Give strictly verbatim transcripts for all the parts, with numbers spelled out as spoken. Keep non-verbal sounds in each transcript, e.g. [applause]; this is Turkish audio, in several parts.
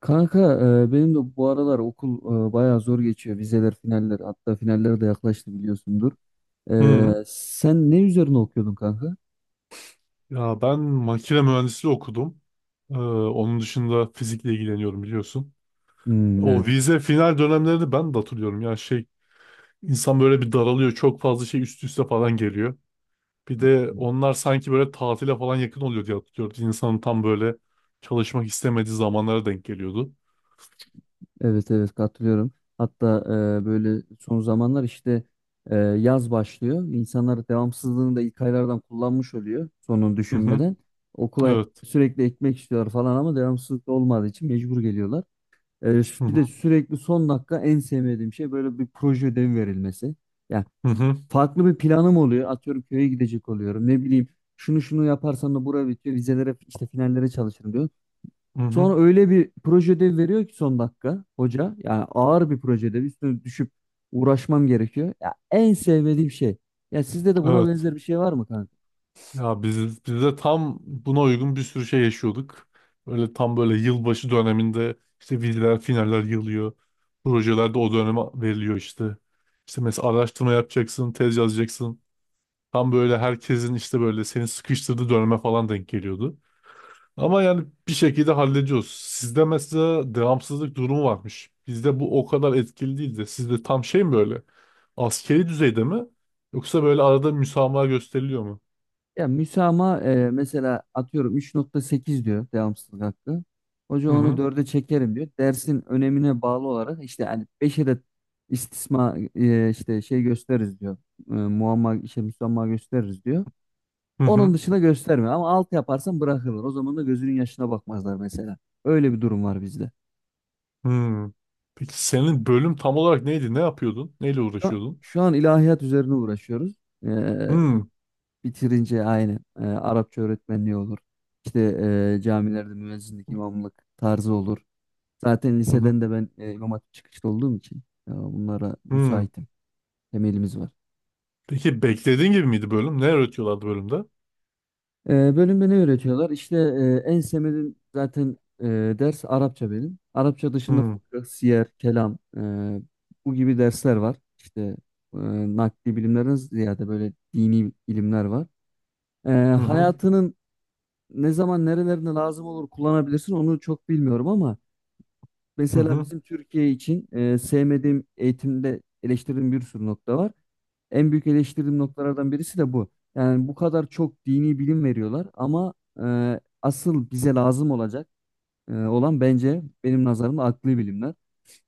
Kanka, e, benim de bu aralar okul, e, bayağı zor geçiyor. Vizeler, finaller, hatta finaller de yaklaştı biliyorsundur. Hı. E, sen ne üzerine okuyordun kanka? Ya ben makine mühendisliği okudum. Ee, onun dışında fizikle ilgileniyorum biliyorsun. Hmm, evet. O vize final dönemlerini ben de hatırlıyorum. Yani şey, insan böyle bir daralıyor. Çok fazla şey üst üste falan geliyor. Bir de Katılıyorum. onlar sanki böyle tatile falan yakın oluyor diye hatırlıyorum. İnsanın tam böyle çalışmak istemediği zamanlara denk geliyordu. Evet, evet, katılıyorum. Hatta e, böyle son zamanlar işte, e, yaz başlıyor. İnsanlar devamsızlığını da ilk aylardan kullanmış oluyor sonunu Hı hı. düşünmeden. Okula Evet. sürekli ekmek istiyorlar falan ama devamsızlık da olmadığı için mecbur geliyorlar. E, Hı bir hı. de sürekli son dakika en sevmediğim şey böyle bir proje ödevi verilmesi. Ya. Hı hı. Farklı bir planım oluyor. Atıyorum köye gidecek oluyorum. Ne bileyim şunu şunu yaparsam da bura bitiyor. Vizelere işte finallere çalışırım diyor. Hı hı. Sonra öyle bir proje ödevi veriyor ki son dakika hoca. Yani ağır bir proje ödevi. Üstüne düşüp uğraşmam gerekiyor. Ya, en sevmediğim şey. Ya sizde de buna Evet. benzer bir şey var mı kanka? Ya biz, biz de tam buna uygun bir sürü şey yaşıyorduk. Böyle tam böyle yılbaşı döneminde işte vizeler, finaller yığılıyor. Projeler de o döneme veriliyor işte. İşte mesela araştırma yapacaksın, tez yazacaksın. Tam böyle herkesin işte böyle seni sıkıştırdığı döneme falan denk geliyordu. Ama yani bir şekilde hallediyoruz. Sizde mesela devamsızlık durumu varmış. Bizde bu o kadar etkili değil de sizde tam şey mi böyle? Askeri düzeyde mi? Yoksa böyle arada müsamaha gösteriliyor mu? Ya müsamaha, e, mesela atıyorum üç nokta sekiz diyor devamsızlık hakkı. Hoca Hı onu hı. dörde çekerim diyor. Dersin önemine bağlı olarak işte hani beşe de istisna, e, işte şey gösteririz diyor. E, muamma işte müsamaha gösteririz diyor. Hı Onun hı. dışına göstermiyor ama altı yaparsan bırakırlar. O zaman da gözünün yaşına bakmazlar mesela. Öyle bir durum var bizde. Hmm. Peki senin bölüm tam olarak neydi? Ne yapıyordun? Neyle Şu an, uğraşıyordun? şu an ilahiyat üzerine uğraşıyoruz. E, Hmm. Bitirince aynı e, Arapça öğretmenliği olur. İşte, e, camilerde müezzinlik, imamlık tarzı olur. Zaten Hı hı. liseden de ben, e, İmam Hatip çıkışlı olduğum için, e, bunlara Hmm. müsaitim. Temelimiz var. Peki beklediğin gibi miydi bölüm? Ne öğretiyorlardı bölümde? E, bölümde ne öğretiyorlar? İşte, e, en sevmediğim zaten, e, ders Arapça benim. Arapça dışında Hmm. fıkıh, siyer, kelam, e, bu gibi dersler var. İşte, e, nakli bilimlerden ziyade böyle dini ilimler var. E, Hı hı. hayatının ne zaman nerelerinde lazım olur kullanabilirsin onu çok bilmiyorum ama Hı mesela hı. bizim Türkiye için, e, sevmediğim eğitimde eleştirdiğim bir sürü nokta var. En büyük eleştirdiğim noktalardan birisi de bu. Yani bu kadar çok dini bilim veriyorlar ama e, asıl bize lazım olacak, e, olan bence benim nazarımda akli bilimler.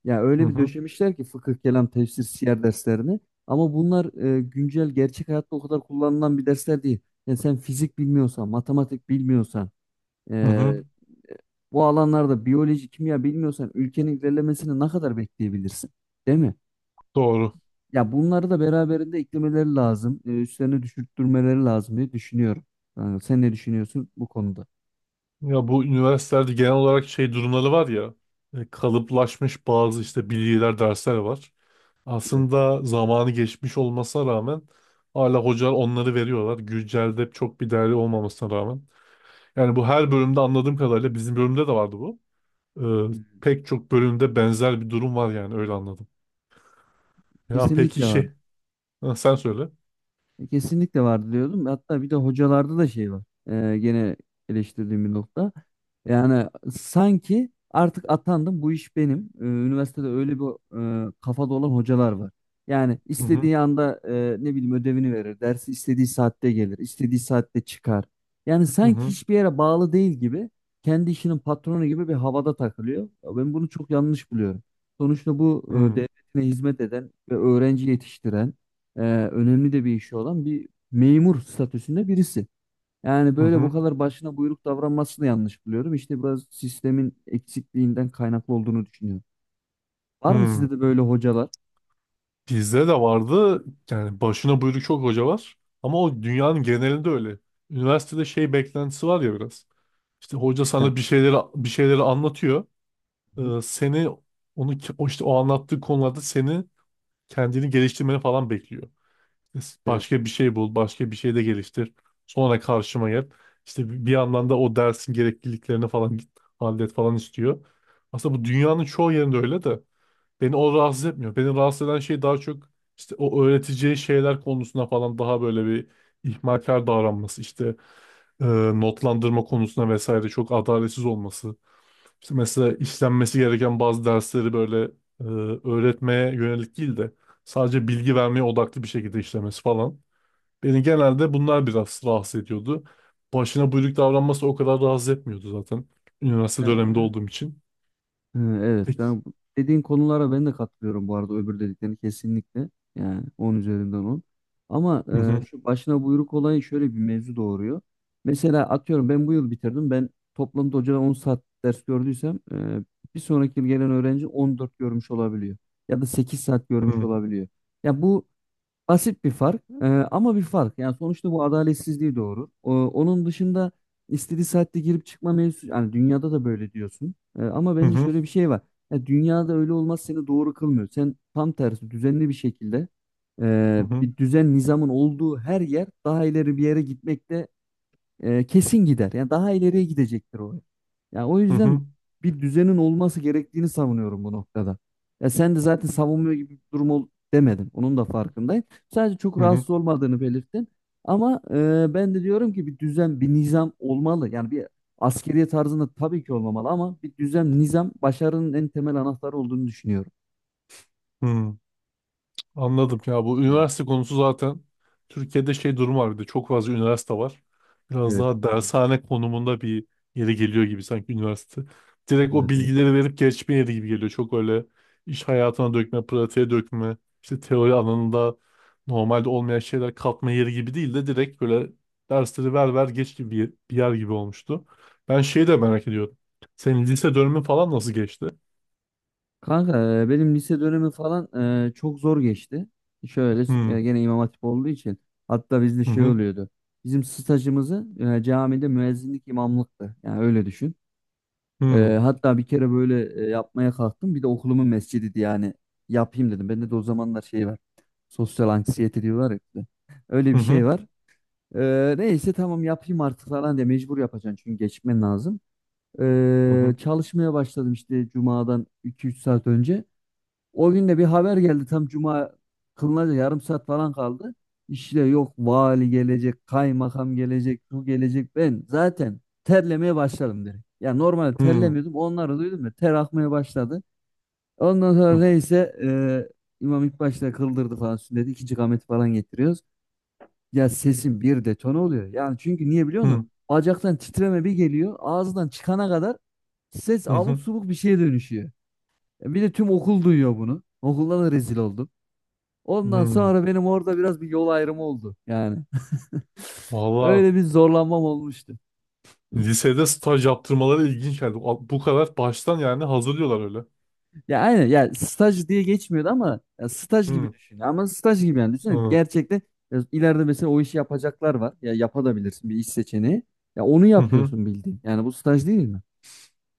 Yani Hı öyle bir hı. döşemişler ki fıkıh, kelam, tefsir, siyer derslerini, ama bunlar, e, güncel gerçek hayatta o kadar kullanılan bir dersler değil. Yani sen fizik bilmiyorsan, matematik bilmiyorsan, Hı ee, hı. bu alanlarda biyoloji, kimya bilmiyorsan ülkenin ilerlemesini ne kadar bekleyebilirsin? Değil mi? Doğru. Ya bunları da beraberinde eklemeleri lazım. e, üstlerine düşürttürmeleri lazım diye düşünüyorum. Yani sen ne düşünüyorsun bu konuda? Ya bu üniversitelerde genel olarak şey durumları var ya, e, kalıplaşmış bazı işte bilgiler, dersler var. Evet. Aslında zamanı geçmiş olmasına rağmen hala hocalar onları veriyorlar. Güncelde çok bir değerli olmamasına rağmen. Yani bu her bölümde anladığım kadarıyla bizim bölümde de vardı bu. Ee, Pek çok bölümde benzer bir durum var yani öyle anladım. Ya peki Kesinlikle var. şey, ha, sen söyle. E, Kesinlikle vardı diyordum. Hatta bir de hocalarda da şey var. E, gene eleştirdiğim bir nokta. Yani sanki artık atandım bu iş benim. E, üniversitede öyle bir, e, kafada olan hocalar var. Yani Hı hı istediği anda e, ne bileyim ödevini verir. Dersi istediği saatte gelir. İstediği saatte çıkar. Yani hı sanki hı hiçbir yere bağlı değil gibi, kendi işinin patronu gibi bir havada takılıyor. Ya, ben bunu çok yanlış buluyorum. Sonuçta bu, e, hı devletine hizmet eden ve öğrenci yetiştiren, e, önemli de bir işi olan bir memur statüsünde birisi. Yani hı böyle bu hı. kadar başına buyruk davranmasını yanlış buluyorum. İşte biraz sistemin eksikliğinden kaynaklı olduğunu düşünüyorum. Var mı Hı. sizde de böyle hocalar? Bizde de vardı, yani başına buyruk çok hoca var, ama o dünyanın genelinde öyle. Üniversitede şey beklentisi var ya biraz. İşte hoca Güzel. sana bir şeyleri bir şeyleri anlatıyor. Hı hı. E, seni onu ki- o işte o anlattığı konularda seni kendini geliştirmeni falan bekliyor. Başka bir şey bul, başka bir şey de geliştir. Sonra karşıma gel. İşte bi- bir yandan da o dersin gerekliliklerini falan git- hallet falan istiyor. Aslında bu dünyanın çoğu yerinde öyle de beni o rahatsız etmiyor. Beni rahatsız eden şey daha çok işte o öğreteceği şeyler konusunda falan daha böyle bir ihmalkar davranması işte, e, notlandırma konusunda vesaire çok adaletsiz olması. İşte mesela işlenmesi gereken bazı dersleri böyle, e, öğretmeye yönelik değil de sadece bilgi vermeye odaklı bir şekilde işlemesi falan. Beni genelde bunlar biraz rahatsız ediyordu. Başına buyruk davranması o kadar rahatsız etmiyordu zaten. Üniversite Evet. döneminde olduğum için. He, evet. Peki. Ben bu- dediğin konulara ben de katılıyorum bu arada, öbür dediklerini kesinlikle. Yani on üzerinden on. Ama, Hı e, hı. şu başına buyruk olayı şöyle bir mevzu doğuruyor. Mesela atıyorum ben bu yıl bitirdim. Ben toplamda hocadan on saat ders gördüysem, e, bir sonraki yıl gelen öğrenci on dört görmüş olabiliyor. Ya da sekiz saat Hı görmüş hı. olabiliyor. Ya bu basit bir fark, e, ama bir fark. Yani sonuçta bu adaletsizliği doğurur. O- onun dışında istediği saatte girip çıkma mevzusu, yani dünyada da böyle diyorsun. E, ama bence Hı şöyle bir şey var. Ya dünyada öyle olmaz seni doğru kılmıyor. Sen tam tersi düzenli bir şekilde, e, hı. bir düzen nizamın olduğu her yer daha ileri bir yere gitmekte, e, kesin gider. Yani daha ileriye gidecektir o. Yani o Hı hı. Hı hı. yüzden bir düzenin olması gerektiğini savunuyorum bu noktada. Ya sen de zaten savunmuyor gibi bir durum ol demedin. Onun da farkındayım. Sadece çok Hı hı. rahatsız olmadığını belirttin. Ama, e, ben de diyorum ki bir düzen, bir nizam olmalı. Yani bir askeriye tarzında tabii ki olmamalı ama bir düzen, nizam başarının en temel anahtarı olduğunu düşünüyorum. Anladım ya, bu üniversite konusu zaten Türkiye'de şey durum var, bir de çok fazla üniversite var. Biraz Evet. daha dershane konumunda bir yere geliyor gibi sanki üniversite. Direkt o Evet, evet. bilgileri verip geçme yeri gibi geliyor. Çok öyle iş hayatına dökme, pratiğe dökme, işte teori alanında normalde olmayan şeyler katma yeri gibi değil de direkt böyle dersleri ver ver geç gibi bir bir yer gibi olmuştu. Ben şeyi de merak ediyorum. Senin lise dönemi falan nasıl geçti? Kanka, e, benim lise dönemi falan, e, çok zor geçti. Şöyle, Hmm. e, gene İmam Hatip olduğu için hatta bizde Hı şey hı. oluyordu. Bizim stajımızı, e, camide müezzinlik imamlıktı. Yani öyle düşün. Hı hı. E, hatta bir kere böyle, e, yapmaya kalktım. Bir de okulumun mescidiydi yani. Yapayım dedim. Bende de o zamanlar şey var. Sosyal anksiyete diyorlar ya. İşte. Öyle Hı bir hı. şey var. E, neyse tamam yapayım artık falan diye mecbur yapacaksın çünkü geçmen lazım. Hı E, hı. çalışmaya başladım işte cumadan iki üç saat önce. O gün de bir haber geldi tam cuma kılınacak, yarım saat falan kaldı. İşte yok vali gelecek, kaymakam gelecek, şu gelecek. Ben zaten terlemeye başladım direkt. Ya normalde Hı terlemiyordum. Onları duydum da ter akmaya başladı. Ondan sonra hı. neyse, e, imam ilk başta kıldırdı falan sünneti. İkinci kameti falan getiriyoruz. Ya sesin bir detone oluyor. Yani çünkü niye biliyor musun? Hı Bacaktan titreme bir geliyor. Ağızdan çıkana kadar ses hı abuk hı. subuk bir şeye dönüşüyor. E, Bir de tüm okul duyuyor bunu. Okulda da rezil oldum. Ondan Hı. sonra benim orada biraz bir yol ayrımı oldu yani. [laughs] Valla Öyle bir zorlanmam olmuştu. lisede staj yaptırmaları ilginç geldi. A- Bu kadar baştan yani hazırlıyorlar öyle. Ya aynen, ya staj diye geçmiyordu ama ya staj gibi Hı düşün. Ama staj gibi yani, düşünün hı gerçekten, ya ileride mesela o işi yapacaklar var. Ya yapabilirsin, bir iş seçeneği. Ya onu hı. Hı. yapıyorsun bildiğin. Yani bu staj değil mi?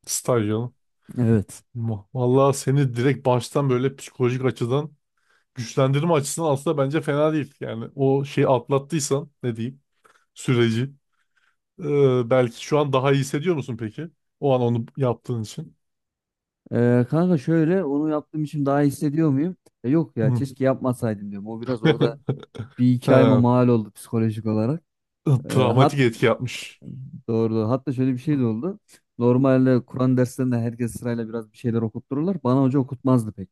Staj canım. Evet. Ma- Valla seni direkt baştan böyle psikolojik açıdan güçlendirme açısından aslında bence fena değil. Yani o şeyi atlattıysan ne diyeyim, süreci. Ee, belki şu an daha iyi hissediyor musun peki? O an onu yaptığın için. Ee, kanka şöyle onu yaptığım için daha iyi hissediyor muyum? Ya yok, ya Hı. keşke yapmasaydım diyorum. O biraz orada [laughs] bir iki ayıma Ha, mal oldu psikolojik olarak. Ee, travmatik hat etki yapmış. Doğru, doğru. Hatta şöyle bir şey de Hı oldu. Normalde Kur'an derslerinde herkes sırayla biraz bir şeyler okuttururlar. Bana hoca okutmazdı pek.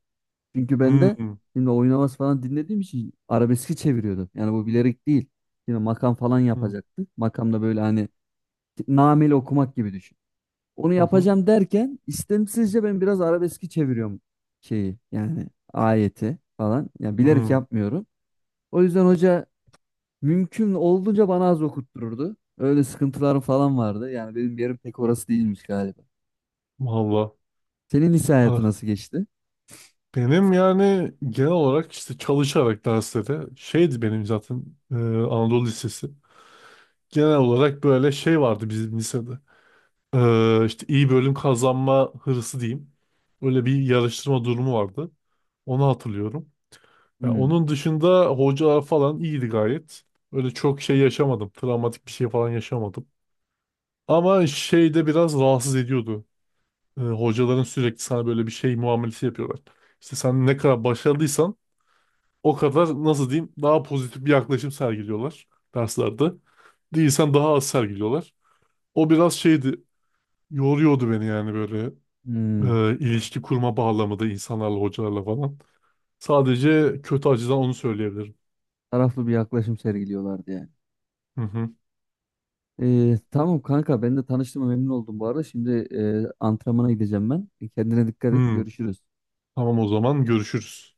Çünkü ben de hı şimdi oynaması falan dinlediğim için arabeski çeviriyordu. Yani bu bilerek değil. Şimdi makam falan hı yapacaktı. Makam böyle hani nameli okumak gibi düşün. Onu hı. yapacağım derken istemsizce ben biraz arabeski çeviriyorum, şeyi yani, ayeti falan. Yani bilerek Hı. yapmıyorum. O yüzden hoca mümkün olduğunca bana az okuttururdu. Öyle sıkıntılarım falan vardı. Yani benim yerim pek orası değilmiş galiba. Valla. Senin lise hayatı Ha, nasıl geçti? benim yani genel olarak işte çalışarak derslere şeydi, benim zaten e, Anadolu Lisesi. Genel olarak böyle şey vardı bizim lisede. E, işte iyi bölüm kazanma hırsı diyeyim. Öyle bir yarıştırma durumu vardı. Onu hatırlıyorum. Ya Hmm, onun dışında hocalar falan iyiydi gayet. Öyle çok şey yaşamadım. Travmatik bir şey falan yaşamadım. Ama şey de biraz rahatsız ediyordu. E, hocaların sürekli sana böyle bir şey muamelesi yapıyorlar. İşte sen ne kadar başarılıysan o kadar nasıl diyeyim daha pozitif bir yaklaşım sergiliyorlar derslerde. Değilsen daha az sergiliyorlar. O biraz şeydi, yoruyordu beni yani böyle, hmm. e, ilişki kurma bağlamında insanlarla hocalarla falan. Sadece kötü acıdan onu söyleyebilirim. Taraflı bir yaklaşım sergiliyorlardı yani. Hı hı. Ee, tamam kanka, ben de tanıştığıma memnun oldum bu arada. Şimdi, e, antrenmana gideceğim ben. Kendine dikkat et. Hmm, Görüşürüz. tamam o zaman görüşürüz.